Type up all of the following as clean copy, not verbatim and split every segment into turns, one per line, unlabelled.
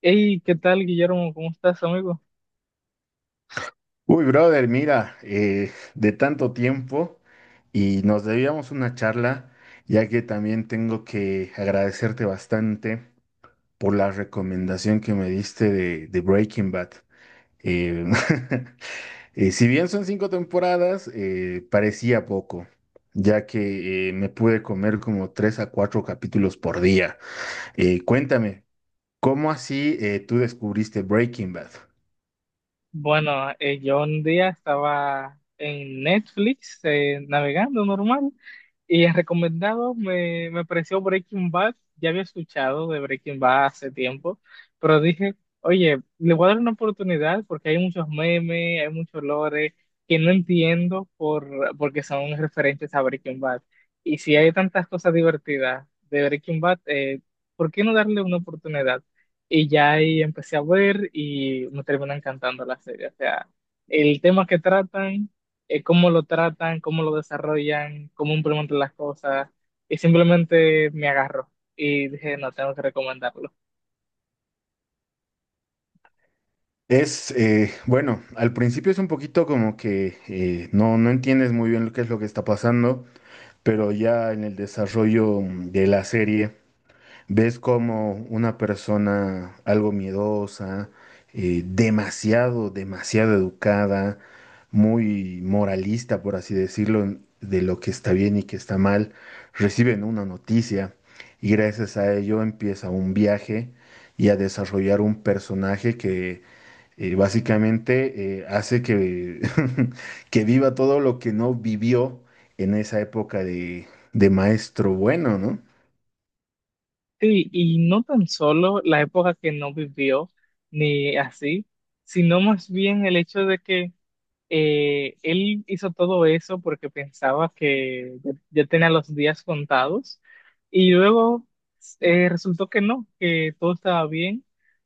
Hey, ¿qué tal, Guillermo? ¿Cómo estás, amigo?
Uy, brother, mira, de tanto tiempo y nos debíamos una charla, ya que también tengo que agradecerte bastante por la recomendación que me diste de Breaking Bad. Eh, si bien son cinco temporadas, parecía poco, ya que me pude comer como tres a cuatro capítulos por día. Cuéntame, ¿cómo así tú descubriste Breaking Bad?
Bueno, yo un día estaba en Netflix navegando normal y en recomendado me apareció Breaking Bad. Ya había escuchado de Breaking Bad hace tiempo, pero dije, oye, le voy a dar una oportunidad porque hay muchos memes, hay muchos lore que no entiendo porque son referentes a Breaking Bad. Y si hay tantas cosas divertidas de Breaking Bad, ¿por qué no darle una oportunidad? Y ya ahí empecé a ver y me termina encantando la serie. O sea, el tema que tratan, cómo lo tratan, cómo lo desarrollan, cómo implementan las cosas. Y simplemente me agarró y dije, no, tengo que recomendarlo.
Es, bueno, al principio es un poquito como que no, no entiendes muy bien lo que es lo que está pasando, pero ya en el desarrollo de la serie ves como una persona algo miedosa, demasiado educada, muy moralista, por así decirlo, de lo que está bien y que está mal, reciben una noticia y gracias a ello empieza un viaje y a desarrollar un personaje que básicamente hace que, que viva todo lo que no vivió en esa época de maestro bueno, ¿no?
Sí, y no tan solo la época que no vivió, ni así, sino más bien el hecho de que él hizo todo eso porque pensaba que ya tenía los días contados y luego resultó que no, que todo estaba bien,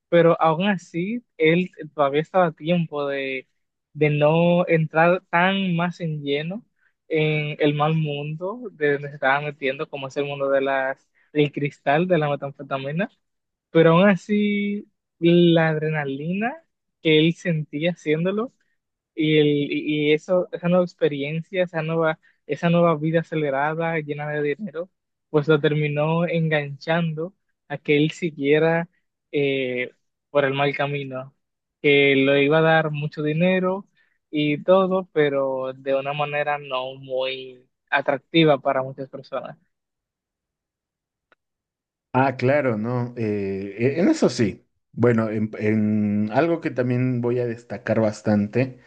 pero aún así él todavía estaba a tiempo de no entrar tan más en lleno en el mal mundo de donde se estaba metiendo, como es el mundo de del cristal, de la metanfetamina, pero aún así la adrenalina que él sentía haciéndolo y, el, y eso, esa nueva experiencia, esa nueva vida acelerada, llena de dinero, pues lo terminó enganchando a que él siguiera eh, por el mal camino, que le iba a dar mucho dinero y todo, pero de una manera no muy atractiva para muchas personas.
Ah, claro, no. En eso sí. Bueno, en algo que también voy a destacar bastante,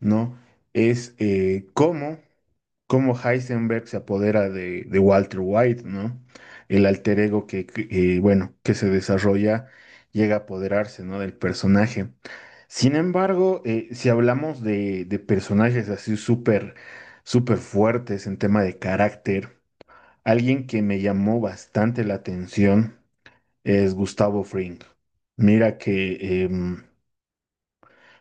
¿no? Es cómo. Cómo Heisenberg se apodera de Walter White, ¿no? El alter ego que, bueno, que se desarrolla llega a apoderarse, ¿no? Del personaje. Sin embargo, si hablamos de personajes así súper fuertes en tema de carácter, alguien que me llamó bastante la atención es Gustavo Fring. Mira que... em,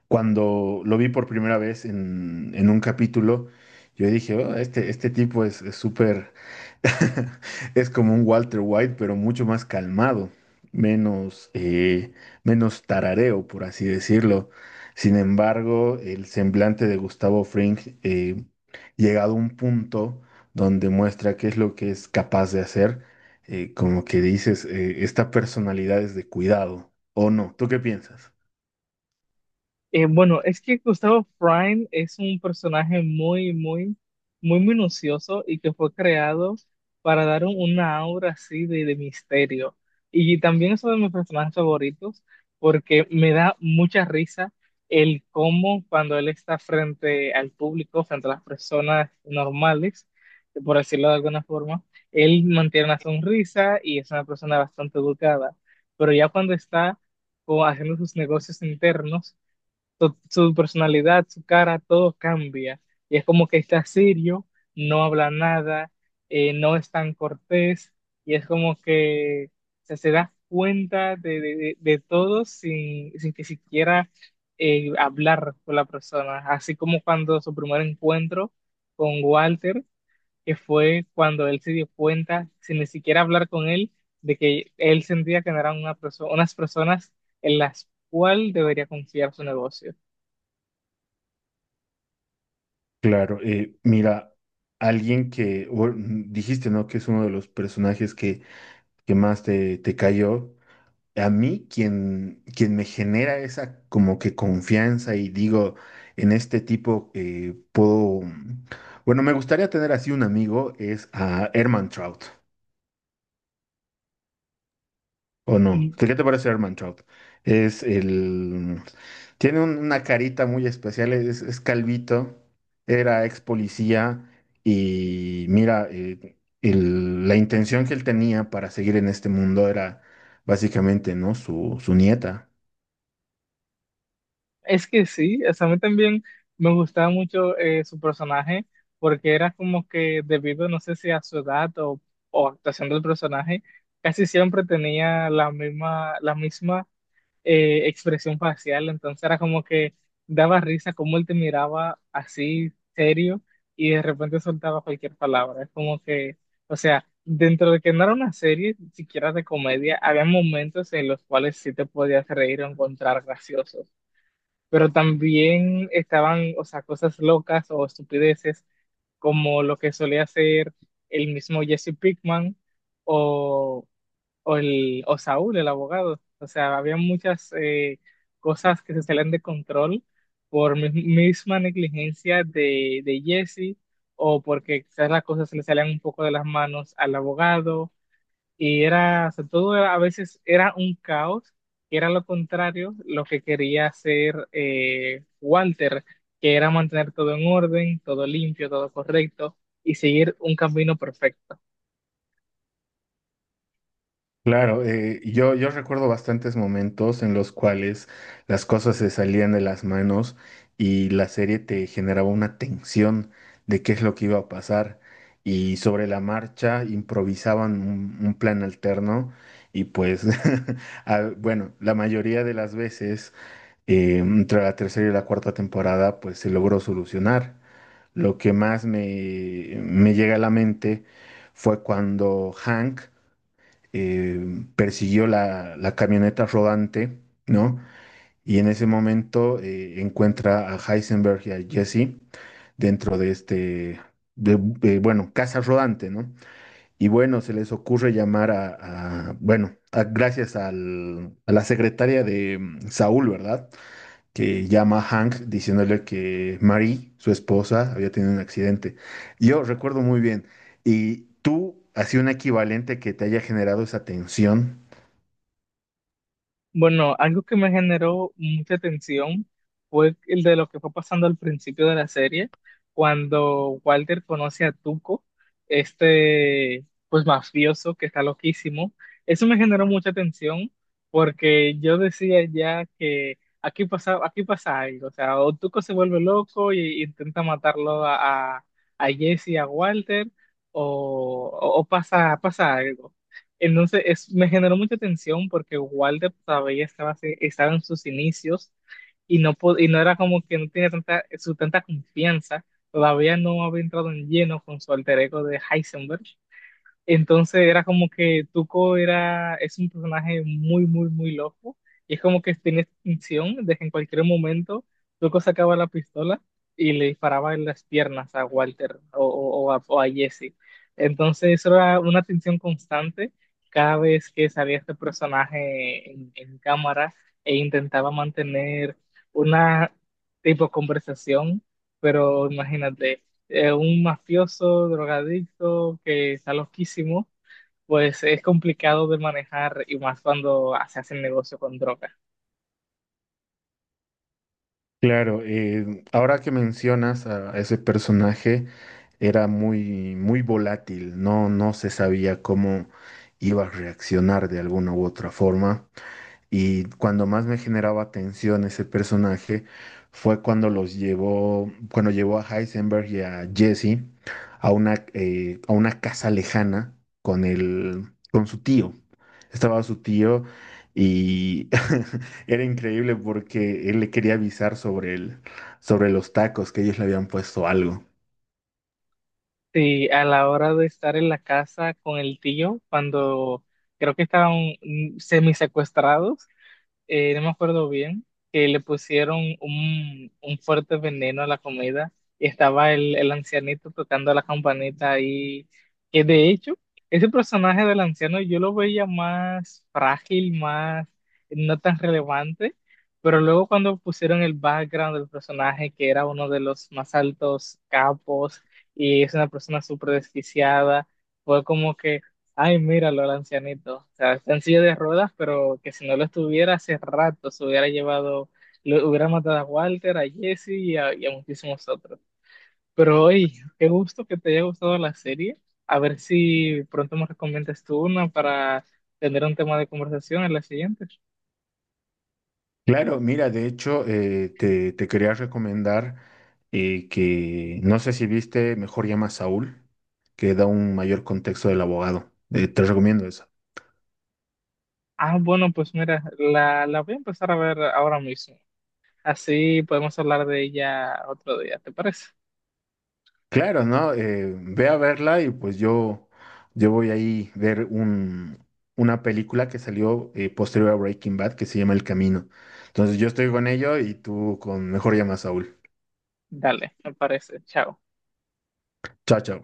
cuando lo vi por primera vez en un capítulo, yo dije, "Oh, este tipo es súper, es como un Walter White, pero mucho más calmado, menos, menos tarareo, por así decirlo. Sin embargo, el semblante de Gustavo Fring, llegado a un punto donde muestra qué es lo que es capaz de hacer, como que dices, esta personalidad es de cuidado, ¿o no? ¿Tú qué piensas?
Bueno, es que Gustavo Fring es un personaje muy, muy minucioso y que fue creado para dar una aura así de misterio. Y también es uno de mis personajes favoritos porque me da mucha risa el cómo cuando él está frente al público, frente a las personas normales, por decirlo de alguna forma, él mantiene una sonrisa y es una persona bastante educada. Pero ya cuando está como haciendo sus negocios internos, su personalidad, su cara, todo cambia. Y es como que está serio, no habla nada, no es tan cortés, y es como que, o sea, se da cuenta de todo sin que siquiera hablar con la persona. Así como cuando su primer encuentro con Walter, que fue cuando él se dio cuenta, sin ni siquiera hablar con él, de que él sentía que no eran unas personas en las cuales debería confiar su negocio.
Claro, mira, alguien que o- mm, dijiste, ¿no? Que es uno de los personajes que más te cayó. A mí, quien me genera esa como que confianza y digo, en este tipo puedo. Bueno, me gustaría tener así un amigo, es a Herman Trout. ¿O no?
Mm.
¿Qué te parece Herman Trout? Es el... Tiene una carita muy especial, es calvito, era ex policía y mira, la intención que él tenía para seguir en este mundo era básicamente, ¿no? Su nieta.
Es que sí, o sea, a mí también me gustaba mucho su personaje porque era como que debido, no sé si a su edad o actuación del personaje, casi siempre tenía la misma expresión facial, entonces era como que daba risa como él te miraba así serio y de repente soltaba cualquier palabra. Es como que, o sea, dentro de que no era una serie siquiera de comedia, había momentos en los cuales sí te podías reír o encontrar gracioso, pero también estaban, o sea, cosas locas o estupideces como lo que solía hacer el mismo Jesse Pinkman o, o Saúl, el abogado. O sea, había muchas cosas que se salían de control por misma negligencia de Jesse o porque quizás las cosas se le salían un poco de las manos al abogado y era, o sea, a veces era un caos, que era lo contrario, lo que quería hacer Walter, que era mantener todo en orden, todo limpio, todo correcto y seguir un camino perfecto.
Claro, yo recuerdo bastantes momentos en los cuales las cosas se salían de las manos y la serie te generaba una tensión de qué es lo que iba a pasar y sobre la marcha improvisaban un plan alterno y pues, ah, bueno, la mayoría de las veces entre la tercera y la cuarta temporada pues se logró solucionar. Lo que más me llega a la mente fue cuando Hank persiguió la camioneta rodante, ¿no? Y en ese momento encuentra a Heisenberg y a Jesse dentro de este, bueno, casa rodante, ¿no? Y bueno, se les ocurre llamar bueno, gracias a la secretaria de Saúl, ¿verdad? Que llama a Hank diciéndole que Marie, su esposa, había tenido un accidente. Yo recuerdo muy bien. ¿Y tú, así un equivalente que te haya generado esa tensión?
Bueno, algo que me generó mucha tensión fue el de lo que fue pasando al principio de la serie, cuando Walter conoce a Tuco, este pues mafioso que está loquísimo. Eso me generó mucha tensión porque yo decía, ya que aquí pasa algo, o sea, o Tuco se vuelve loco y intenta matarlo a Jesse, a Walter, o pasa, pasa algo. Entonces es, me generó mucha tensión porque Walder todavía estaba, estaba en sus inicios y no, y no era como que no tenía su tanta confianza, todavía no había entrado en lleno con su alter ego de Heisenberg, entonces era como que Tuco era, es un personaje muy, muy loco. Y es como que tiene esta intención de que en cualquier momento Tuco sacaba la pistola y le disparaba en las piernas a Walter o a Jesse. Entonces eso era una tensión constante cada vez que salía este personaje en cámara e intentaba mantener una tipo conversación. Pero imagínate, un mafioso, drogadicto, que está loquísimo, pues es complicado de manejar y más cuando se hace el negocio con droga.
Claro, ahora que mencionas a ese personaje, era muy volátil, no, no se sabía cómo iba a reaccionar de alguna u otra forma. Y cuando más me generaba tensión ese personaje fue cuando los llevó, cuando llevó a Heisenberg y a Jesse a una casa lejana con el, con su tío. Estaba su tío y era increíble porque él le quería avisar sobre el, sobre los tacos que ellos le habían puesto algo.
Sí, a la hora de estar en la casa con el tío, cuando creo que estaban semi secuestrados, no me acuerdo bien, que le pusieron un fuerte veneno a la comida y estaba el ancianito tocando la campanita ahí, que de hecho, ese personaje del anciano yo lo veía más frágil, más no tan relevante, pero luego cuando pusieron el background del personaje, que era uno de los más altos capos y es una persona súper desquiciada, fue como que... Ay, míralo, el ancianito. O sea, está en silla de ruedas, pero que si no lo estuviera, hace rato se hubiera llevado, lo hubiera matado a Walter, a Jesse y a muchísimos otros. Pero hoy, qué gusto que te haya gustado la serie. A ver si pronto me recomiendas tú una para tener un tema de conversación en la siguiente.
Claro, mira, de hecho, te quería recomendar que, no sé si viste, Mejor Llama a Saúl, que da un mayor contexto del abogado. Te recomiendo eso.
Ah, bueno, pues mira, la voy a empezar a ver ahora mismo. Así podemos hablar de ella otro día, ¿te parece?
Claro, ¿no? Ve a verla y pues yo voy ahí ver una película que salió posterior a Breaking Bad que se llama El Camino. Entonces yo estoy con ello y tú con Mejor Llama a Saúl.
Dale, me parece. Chao.
Chao, chao.